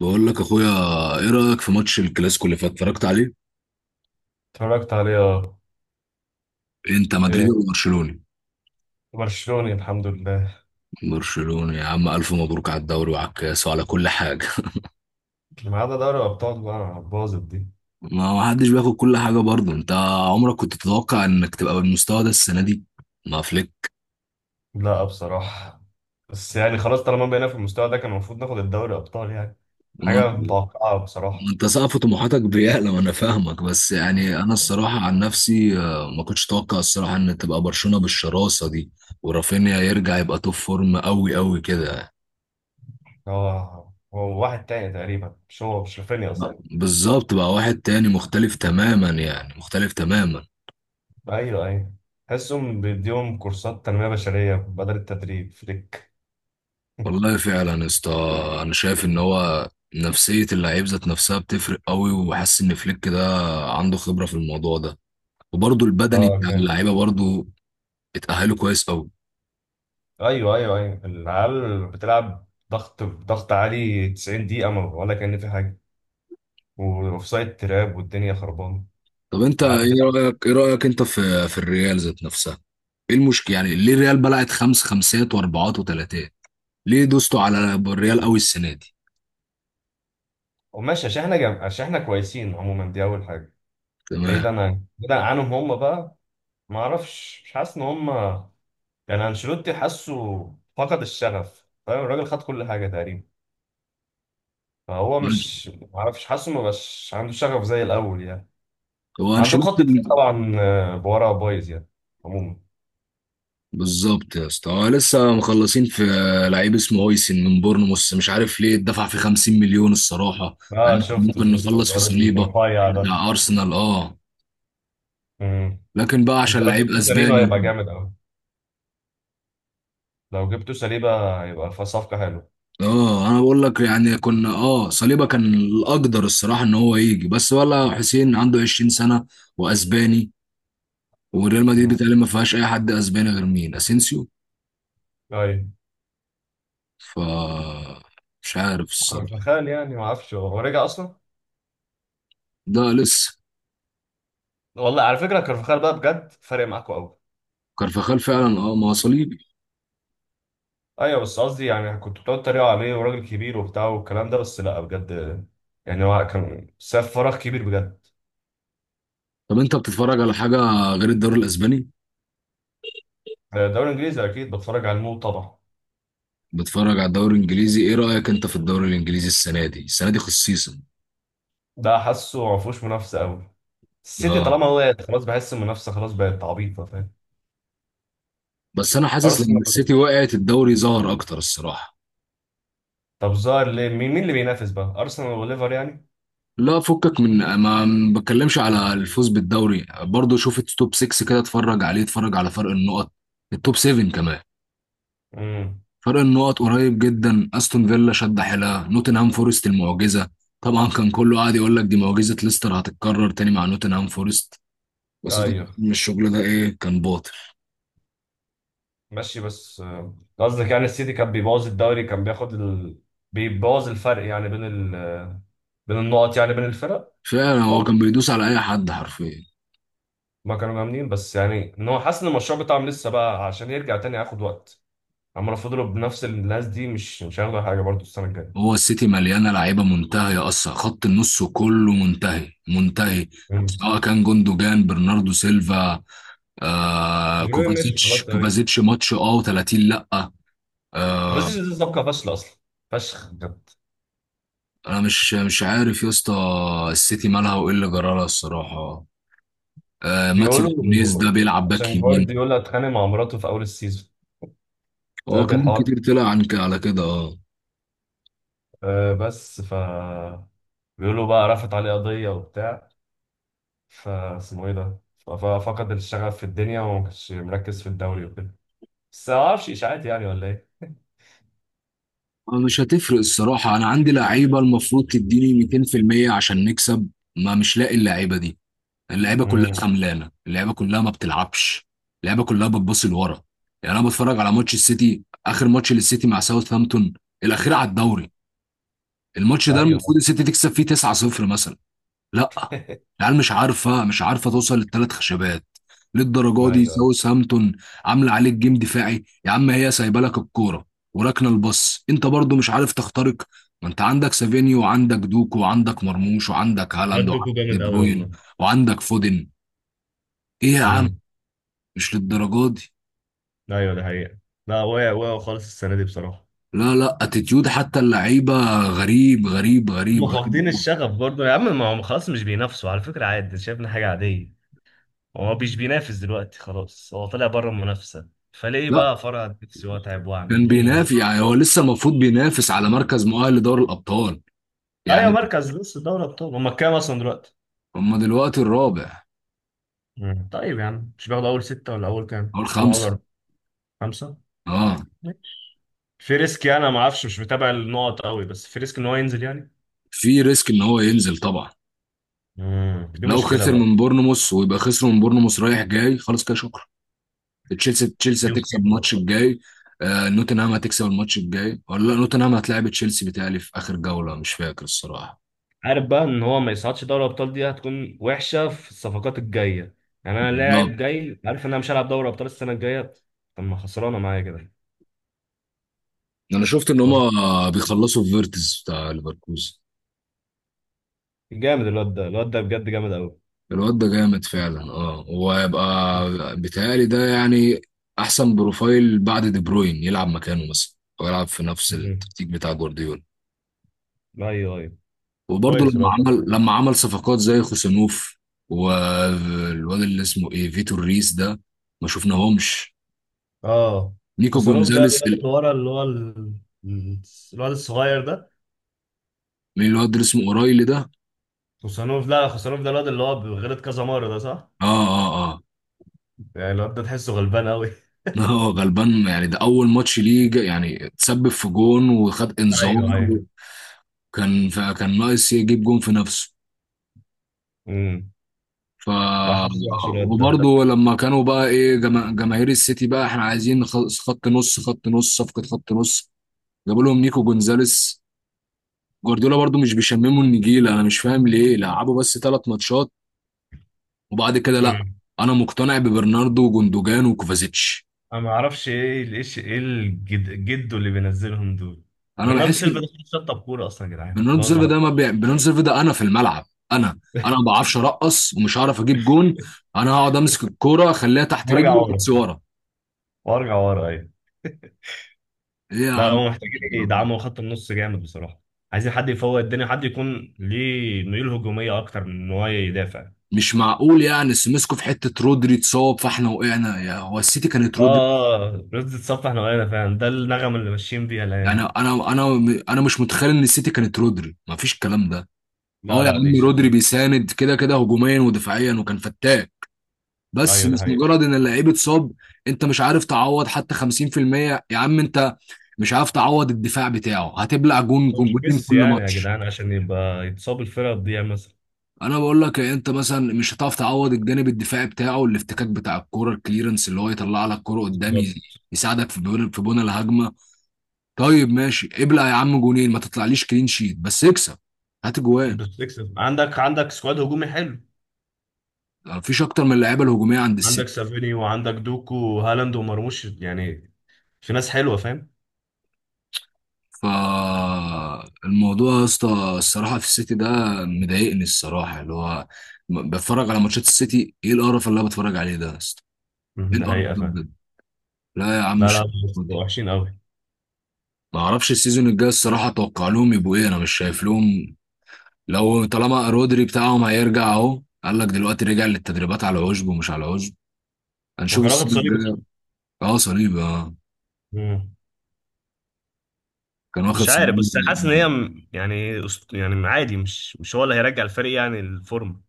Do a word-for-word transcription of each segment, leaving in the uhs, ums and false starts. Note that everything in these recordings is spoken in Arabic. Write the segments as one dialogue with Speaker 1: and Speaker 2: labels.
Speaker 1: بقول لك اخويا، ايه رايك في ماتش الكلاسيكو اللي فات؟ اتفرجت عليه؟
Speaker 2: اتفرجت عليه، اه.
Speaker 1: انت مدريدي
Speaker 2: ايه.
Speaker 1: ولا برشلوني؟
Speaker 2: برشلوني، الحمد لله.
Speaker 1: برشلوني يا عم، الف مبروك على الدوري وعلى الكاس وعلى كل حاجه.
Speaker 2: ما عدا دوري الابطال بقى باظت دي.
Speaker 1: ما ما حدش بياخد كل حاجه برضه. انت عمرك كنت تتوقع انك تبقى بالمستوى ده السنه دي مع فليك؟
Speaker 2: لا، بصراحه. بس يعني خلاص، طالما بقينا في المستوى ده كان المفروض ناخد الدوري ابطال يعني. حاجه
Speaker 1: وانت
Speaker 2: متوقعه بصراحه.
Speaker 1: وانت سقف طموحاتك بيعلى، وانا فاهمك، بس يعني انا الصراحه عن نفسي، آه، ما كنتش اتوقع الصراحه ان تبقى برشلونه بالشراسه دي، ورافينيا يرجع يبقى توب فورم قوي قوي كده.
Speaker 2: هو هو واحد تاني تقريبا، مش هو، مش رافينيا اصلا.
Speaker 1: بالظبط بقى، واحد تاني مختلف تماما، يعني مختلف تماما.
Speaker 2: ايوه، ايوه. تحسهم بيديهم كورسات تنميه بشريه بدل التدريب فليك.
Speaker 1: والله فعلا يا اسطى، انا شايف ان هو نفسية اللعيب ذات نفسها بتفرق قوي، وحاسس ان فليك ده عنده خبرة في الموضوع ده. وبرضه البدني
Speaker 2: اه،
Speaker 1: بتاع
Speaker 2: جامد.
Speaker 1: اللعيبة برضه اتأهلوا كويس قوي.
Speaker 2: ايوه، ايوه، ايوه. العيال بتلعب ضغط ضغط عالي 90 دقيقه، ما ولا كان في حاجه. واوف سايد تراب والدنيا خربانه.
Speaker 1: طب انت
Speaker 2: العيال
Speaker 1: ايه
Speaker 2: بتلعب.
Speaker 1: رأيك، ايه رأيك انت في في الريال ذات نفسها؟ ايه المشكلة يعني؟ ليه الريال بلعت خمس خمسات واربعات وتلاتات؟ ليه دوستوا على الريال قوي السنة دي؟
Speaker 2: وماشي عشان احنا جم... عشان احنا كويسين عموما، دي اول حاجه.
Speaker 1: تمام.
Speaker 2: بعيدا عن بعيدا عنهم هم بقى. ما اعرفش، مش حاسس ان هم، يعني انشيلوتي حاسه فقد الشغف، فاهم، الراجل خد كل حاجه تقريبا. فهو مش، ما اعرفش، حاسه ما بقاش عنده شغف زي الاول يعني.
Speaker 1: هو
Speaker 2: وعندك خط
Speaker 1: انشيلوتي.
Speaker 2: دفاع طبعا، آه، بورا بايظ يعني. عموما.
Speaker 1: بالظبط يا اسطى، هو لسه مخلصين في لعيب اسمه هويسن من بورنموث، مش عارف ليه اتدفع في خمسين مليون الصراحه.
Speaker 2: اه،
Speaker 1: يعني
Speaker 2: شفته
Speaker 1: ممكن
Speaker 2: شفته
Speaker 1: نخلص في
Speaker 2: الواد
Speaker 1: صليبه
Speaker 2: الرفيع ده.
Speaker 1: بتاع ارسنال، اه،
Speaker 2: امم.
Speaker 1: لكن بقى
Speaker 2: انت
Speaker 1: عشان
Speaker 2: لو
Speaker 1: لعيب
Speaker 2: جبت سليبه
Speaker 1: اسباني وكده.
Speaker 2: هيبقى جامد قوي. لو جبت سليبه هيبقى في صفقه حلوه.
Speaker 1: اه انا بقول لك يعني، كنا اه صليبه كان الاقدر الصراحه ان هو يجي، بس ولا حسين عنده عشرين سنه واسباني، وريال مدريد بتقريبا ما فيهاش اي حد اسباني غير مين، اسينسيو.
Speaker 2: ايوه.
Speaker 1: ف مش عارف الصراحه.
Speaker 2: كارفاخال يعني ما اعرفش، هو هو رجع اصلا.
Speaker 1: ده لسه.
Speaker 2: والله على فكره كارفاخال بقى بجد فارق معاكوا قوي.
Speaker 1: كارفاخال فعلا، اه، ما هو صليبي.
Speaker 2: ايوه، بس قصدي يعني كنت بتقعد تتريقوا عليه، وراجل كبير وبتاع والكلام ده، بس لا بجد، يعني هو كان ساب فراغ كبير بجد.
Speaker 1: طب انت بتتفرج على حاجة غير الدوري الاسباني؟
Speaker 2: الدوري الانجليزي اكيد بتفرج على المو طبعا.
Speaker 1: بتتفرج على الدوري الانجليزي، ايه رأيك انت في الدوري الانجليزي السنة دي، السنة دي خصيصا؟
Speaker 2: ده حاسه ما فيهوش منافسه قوي. السيتي
Speaker 1: اه،
Speaker 2: طالما وقعت خلاص، بحس المنافسه خلاص بقت عبيطه، فاهم.
Speaker 1: بس انا حاسس لما
Speaker 2: ارسنال.
Speaker 1: السيتي وقعت الدوري ظهر اكتر الصراحة.
Speaker 2: طب ظهر ليه، مين مين اللي بينافس بقى، ارسنال وليفر يعني.
Speaker 1: لا فكك من، ما ما بتكلمش على الفوز بالدوري، برضو شوف التوب ستة كده، اتفرج عليه، اتفرج على فرق النقط، التوب سبعة كمان.
Speaker 2: امم.
Speaker 1: فرق النقط قريب جدا، استون فيلا شد حيلها، نوتنهام فورست المعجزة. طبعا كان كله قاعد يقول لك دي معجزة ليستر هتتكرر تاني مع نوتنهام فورست، بس طبعا
Speaker 2: ايوه،
Speaker 1: الشغل ده ايه، كان باطل.
Speaker 2: ماشي. بس، آه، قصدك يعني السيتي كان بيبوظ الدوري، كان بياخد ال... بيبوظ الفرق يعني بين ال... بين النقط يعني بين الفرق.
Speaker 1: فعلا، هو كان
Speaker 2: ممكن.
Speaker 1: بيدوس على اي حد حرفيا.
Speaker 2: ما كانوا جامدين، بس يعني ان هو حاسس ان المشروع بتاعهم لسه بقى، عشان يرجع تاني هياخد وقت. عمال فضلوا بنفس الناس دي، مش مش هياخدوا حاجه برضه السنه الجايه.
Speaker 1: هو السيتي مليانه لعيبه منتهيه اصلا، خط النص كله منتهي منتهي،
Speaker 2: مم.
Speaker 1: سواء كان جوندوجان، برناردو سيلفا، آه
Speaker 2: بيقولوا إيه، ماشي،
Speaker 1: كوفازيتش.
Speaker 2: خلاص تمام.
Speaker 1: كوفازيتش ماتش اه وتلاتين لا. آه
Speaker 2: كوفازيتش دي صفقه فاشله اصلا، فشخ بجد.
Speaker 1: انا مش مش عارف يا اسطى السيتي مالها، وايه اللي جرالها الصراحه. آه ماتيو نونيز ده
Speaker 2: بيقولوا
Speaker 1: بيلعب باك
Speaker 2: عشان
Speaker 1: يمين.
Speaker 2: جوارديولا اتخانق مع مراته في اول السيزون.
Speaker 1: هو
Speaker 2: دلوقتي
Speaker 1: كلام
Speaker 2: الحوار،
Speaker 1: كتير طلع عن على كده، اه.
Speaker 2: آه، بس ف، بيقولوا بقى رفعت عليه قضيه وبتاع، فاسمه ايه ده، ف- ففقد الشغف في الدنيا وما كانش مركز في الدوري وكده. بس ما اعرفش، اشاعات يعني ولا ايه.
Speaker 1: آه، مش هتفرق الصراحة. أنا عندي لعيبة المفروض تديني ميتين في المية عشان نكسب، ما مش لاقي اللعيبة دي. اللعيبة كلها
Speaker 2: امم.
Speaker 1: خملانة، اللعيبة كلها ما بتلعبش، اللعيبة كلها بتبص لورا. يعني أنا بتفرج على ماتش السيتي، آخر ماتش للسيتي مع ساوثهامبتون، الأخير على الدوري، الماتش ده
Speaker 2: ايوه،
Speaker 1: المفروض السيتي تكسب فيه تسعة صفر مثلا. لا، العيال مش عارفه مش عارفه توصل للثلاث خشبات، للدرجه دي
Speaker 2: ايوه.
Speaker 1: ساوث هامبتون. عامله عليك جيم دفاعي يا عم، هي سايبه لك الكوره وراكنه الباص، انت برضو مش عارف تخترق. ما انت عندك سافينيو، وعندك دوكو، وعندك مرموش، وعندك هالاند،
Speaker 2: بجد، دوكو
Speaker 1: وعندك دي
Speaker 2: جامد قوي والله.
Speaker 1: بروين، وعندك فودن. ايه يا عم،
Speaker 2: امم.
Speaker 1: مش للدرجه دي.
Speaker 2: ايوه، ده حقيقة. لا، وقع وقع خالص السنة دي بصراحة.
Speaker 1: لا لا، اتيتيود حتى اللعيبه غريب غريب غريب
Speaker 2: هم فاقدين
Speaker 1: غريب.
Speaker 2: الشغف برضه يا عم، ما هم خلاص مش بينافسوا، على فكرة عادي، شايفنا حاجة عادية. هو مش بينافس دلوقتي خلاص، هو طلع بره المنافسة، فليه
Speaker 1: لا،
Speaker 2: بقى فرع نفسي واتعب
Speaker 1: كان
Speaker 2: واعمل ليه يعني.
Speaker 1: بينافس يعني، هو لسه المفروض بينافس على مركز مؤهل لدوري الابطال
Speaker 2: ايوه،
Speaker 1: يعني.
Speaker 2: مركز لسه دوري ابطال. هم كام اصلا دلوقتي؟
Speaker 1: هم دلوقتي الرابع.
Speaker 2: مم. طيب يا عم، مش باخده اول ستة، ولا اول كام،
Speaker 1: هو
Speaker 2: ولا اول
Speaker 1: الخمسة.
Speaker 2: أربعة؟ خمسة.
Speaker 1: اه.
Speaker 2: ماشي. في ريسك، يعني انا ما اعرفش، مش متابع النقط قوي، بس في ريسك ان هو ينزل يعني.
Speaker 1: في ريسك ان هو ينزل طبعا.
Speaker 2: امم دي
Speaker 1: لو
Speaker 2: مشكلة
Speaker 1: خسر
Speaker 2: بقى.
Speaker 1: من بورنموث، ويبقى خسر من بورنموث رايح جاي، خلاص كده شكرا. تشيلسي، تشيلسي
Speaker 2: دي
Speaker 1: هتكسب
Speaker 2: مصيبة بقى.
Speaker 1: الماتش الجاي. آه نوتنهام هتكسب الماتش الجاي ولا لا، نوتنهام هتلاعب تشيلسي بتهيألي في اخر جولة، مش فاكر الصراحة.
Speaker 2: عارف بقى ان هو ما يصعدش دوري الابطال، دي هتكون وحشة في الصفقات الجاية. يعني انا
Speaker 1: بالظبط.
Speaker 2: لاعب جاي، عارف ان انا مش هلعب دوري ابطال السنة الجاية، طب ما خسرانة معايا كده.
Speaker 1: انا شفت ان
Speaker 2: طب.
Speaker 1: هما بيخلصوا في فيرتز بتاع ليفركوزن.
Speaker 2: جامد الواد ده، الواد ده بجد جامد قوي.
Speaker 1: الواد ده جامد فعلا، اه، وهيبقى، بيتهيألي ده يعني احسن بروفايل بعد دي بروين، يلعب مكانه مثلا، او يلعب في نفس
Speaker 2: مم.
Speaker 1: التكتيك بتاع جوارديولا.
Speaker 2: ايوه، ايوه.
Speaker 1: وبرضه
Speaker 2: كويس
Speaker 1: لما
Speaker 2: الواد ده.
Speaker 1: عمل لما عمل صفقات زي خوسانوف، والواد اللي اسمه ايه، فيتور ريس ده، ما شفناهمش،
Speaker 2: اه.
Speaker 1: نيكو
Speaker 2: خوسانوف ده
Speaker 1: جونزاليس،
Speaker 2: الواد
Speaker 1: ال-
Speaker 2: اللي ورا، اللي هو ال- ال- الواد الصغير ده.
Speaker 1: الواد اللي اسمه اورايلي ده.
Speaker 2: خوسانوف، لا، خوسانوف ده الواد اللي هو غلط كذا مرة، ده صح؟
Speaker 1: اه اه اه.
Speaker 2: يعني الواد ده تحسه غلبان قوي.
Speaker 1: اه غلبان يعني، ده اول ماتش ليه جا- يعني اتسبب في جون وخد انذار.
Speaker 2: ايوه، ايوه.
Speaker 1: كان كان ناقص يجيب جون في نفسه.
Speaker 2: امم.
Speaker 1: ف
Speaker 2: لا، حاسس وحش الواد ده.
Speaker 1: وبرضه لما كانوا بقى ايه، جما- جماهير السيتي بقى، احنا عايزين خ- خط نص، خط نص صفقة خط نص. جابوا لهم نيكو جونزاليس. جوارديولا برضو مش بيشمموا النجيل، انا مش فاهم ليه لعبوا بس ثلاث ماتشات وبعد كده لا.
Speaker 2: امم.
Speaker 1: انا مقتنع ببرناردو وجوندوجان وكوفازيتش.
Speaker 2: انا ما اعرفش، ايه ال- ايش ايه الجد جدو اللي بينزلهم دول.
Speaker 1: انا
Speaker 2: برناردو
Speaker 1: بحس
Speaker 2: سيلفا
Speaker 1: ان
Speaker 2: ده خلاص شطب كورة اصلا يا جدعان،
Speaker 1: برناردو
Speaker 2: خلاص
Speaker 1: سيلفا ده
Speaker 2: بقى.
Speaker 1: ما بي... برناردو سيلفا ده انا في الملعب، انا انا ما بعرفش ارقص، ومش هعرف اجيب جون. انا هقعد امسك الكوره، اخليها تحت
Speaker 2: وارجع
Speaker 1: رجلي
Speaker 2: ورا.
Speaker 1: بس ورا.
Speaker 2: وارجع ورا، ايوه.
Speaker 1: ايه يا
Speaker 2: لا
Speaker 1: عم،
Speaker 2: هم محتاجين
Speaker 1: الدرجات
Speaker 2: يدعموا خط النص جامد بصراحة. عايزين حد يفوق الدنيا، حد يكون ليه ميول هجومية اكتر من ان هو يدافع.
Speaker 1: دي؟ مش معقول يعني، سمسكوا في حته رودري اتصاب فاحنا وقعنا، يا هو السيتي كانت رودري.
Speaker 2: اه. اه، رز تتصفح نوعنا فعلا، ده النغمة اللي ماشيين بيها الايام
Speaker 1: يعني
Speaker 2: دي.
Speaker 1: انا انا انا مش متخيل ان السيتي كانت رودري ما فيش الكلام ده.
Speaker 2: لا
Speaker 1: اه يا
Speaker 2: لا،
Speaker 1: عم،
Speaker 2: اديشن.
Speaker 1: رودري بيساند كده كده هجوميا ودفاعيا، وكان فتاك. بس
Speaker 2: ايوه، ده
Speaker 1: مش
Speaker 2: حقيقي.
Speaker 1: مجرد ان اللعيب اتصاب، انت مش عارف تعوض حتى خمسين في المية. يا عم انت مش عارف تعوض الدفاع بتاعه، هتبلع جون
Speaker 2: هو مش
Speaker 1: جونين كل
Speaker 2: ميسي يعني يا
Speaker 1: ماتش.
Speaker 2: جدعان عشان يبقى يتصاب الفرقة تضيع مثلا.
Speaker 1: انا بقول لك إيه، انت مثلا مش هتعرف تعوض الجانب الدفاعي بتاعه، الافتكاك بتاع الكوره، الكليرنس اللي هو يطلع لك كوره قدام، يز-
Speaker 2: بالظبط.
Speaker 1: يساعدك في بناء في بناء الهجمه. طيب ماشي، ابلع يا عم جونين، ما تطلعليش كلين شيت بس اكسب، هات جوان.
Speaker 2: انت بتكسب، عندك عندك سكواد هجومي حلو.
Speaker 1: مفيش اكتر من اللعيبه الهجوميه عند
Speaker 2: عندك
Speaker 1: السيتي.
Speaker 2: سافيني وعندك دوكو وهالاند ومرموش يعني، في ناس حلوة، فاهم.
Speaker 1: فالموضوع يا اسطى الصراحه في السيتي ده مضايقني الصراحه، اللي هو م- بتفرج على ماتشات السيتي، ايه القرف اللي انا بتفرج عليه ده يا اسطى؟ ايه
Speaker 2: مم، ده
Speaker 1: القرف
Speaker 2: حقيقة،
Speaker 1: ده
Speaker 2: فاهم.
Speaker 1: بجد؟ لا يا عم،
Speaker 2: لا
Speaker 1: مش
Speaker 2: لا لا،
Speaker 1: الدرجة دي.
Speaker 2: وحشين قوي.
Speaker 1: ما اعرفش السيزون الجاي الصراحه اتوقع لهم يبقوا ايه، انا مش شايف لهم. لو طالما رودري بتاعهم هيرجع، اهو قال لك دلوقتي رجع للتدريبات على عشب ومش على عشب،
Speaker 2: هو
Speaker 1: هنشوف
Speaker 2: كان واخد
Speaker 1: السيزون
Speaker 2: صليبي، صح؟
Speaker 1: الجاي. اه صليبي اه.
Speaker 2: مم.
Speaker 1: كان واخد
Speaker 2: مش عارف،
Speaker 1: صليبي.
Speaker 2: بس حاسس ان هي م- يعني أسط- يعني عادي، مش مش هو اللي هيرجع الفريق يعني الفورمة.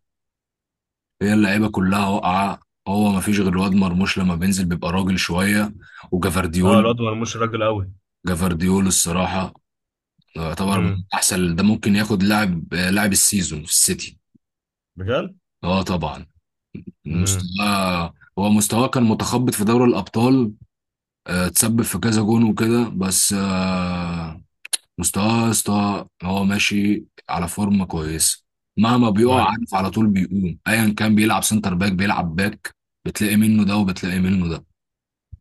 Speaker 1: هي اللعيبه كلها واقعه. هو ما فيش غير الواد مرموش، لما بينزل بيبقى راجل شويه،
Speaker 2: اه،
Speaker 1: وجافارديول.
Speaker 2: الواد مرموش راجل.
Speaker 1: جافارديول الصراحه يعتبر من
Speaker 2: قوي.
Speaker 1: احسن، ده ممكن ياخد لاعب، لاعب السيزون في السيتي.
Speaker 2: بجد؟
Speaker 1: اه طبعا.
Speaker 2: امم.
Speaker 1: مستواه هو، مستواه كان متخبط في دوري الابطال، آه، تسبب في كذا جون وكده، بس آه، مستواه يا اسطى هو ماشي على فورمه كويسه، مهما بيقع
Speaker 2: ايوه،
Speaker 1: عارف على طول بيقوم، ايا كان بيلعب سنتر باك، بيلعب باك، بتلاقي منه ده وبتلاقي منه ده.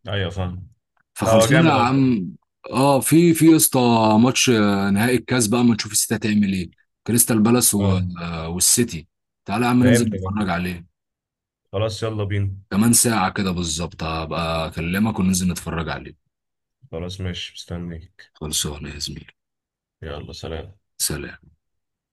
Speaker 2: ايوه، فاهم. لا، هو
Speaker 1: فخلصونا يا
Speaker 2: جامد اصلا.
Speaker 1: عم. اه، في في يا اسطى ماتش، آه، نهائي الكاس بقى، ما نشوف السيتي هتعمل ايه، كريستال بالاس و-
Speaker 2: اه.
Speaker 1: آه، والسيتي. تعالى يا عم
Speaker 2: ده
Speaker 1: ننزل
Speaker 2: امتى ده؟
Speaker 1: نتفرج عليه.
Speaker 2: خلاص، يلا بينا.
Speaker 1: كمان ساعة كده بالظبط هبقى اكلمك وننزل نتفرج عليه.
Speaker 2: خلاص، ماشي، مستنيك.
Speaker 1: خلصونا يا زميلي.
Speaker 2: يلا، سلام.
Speaker 1: سلام.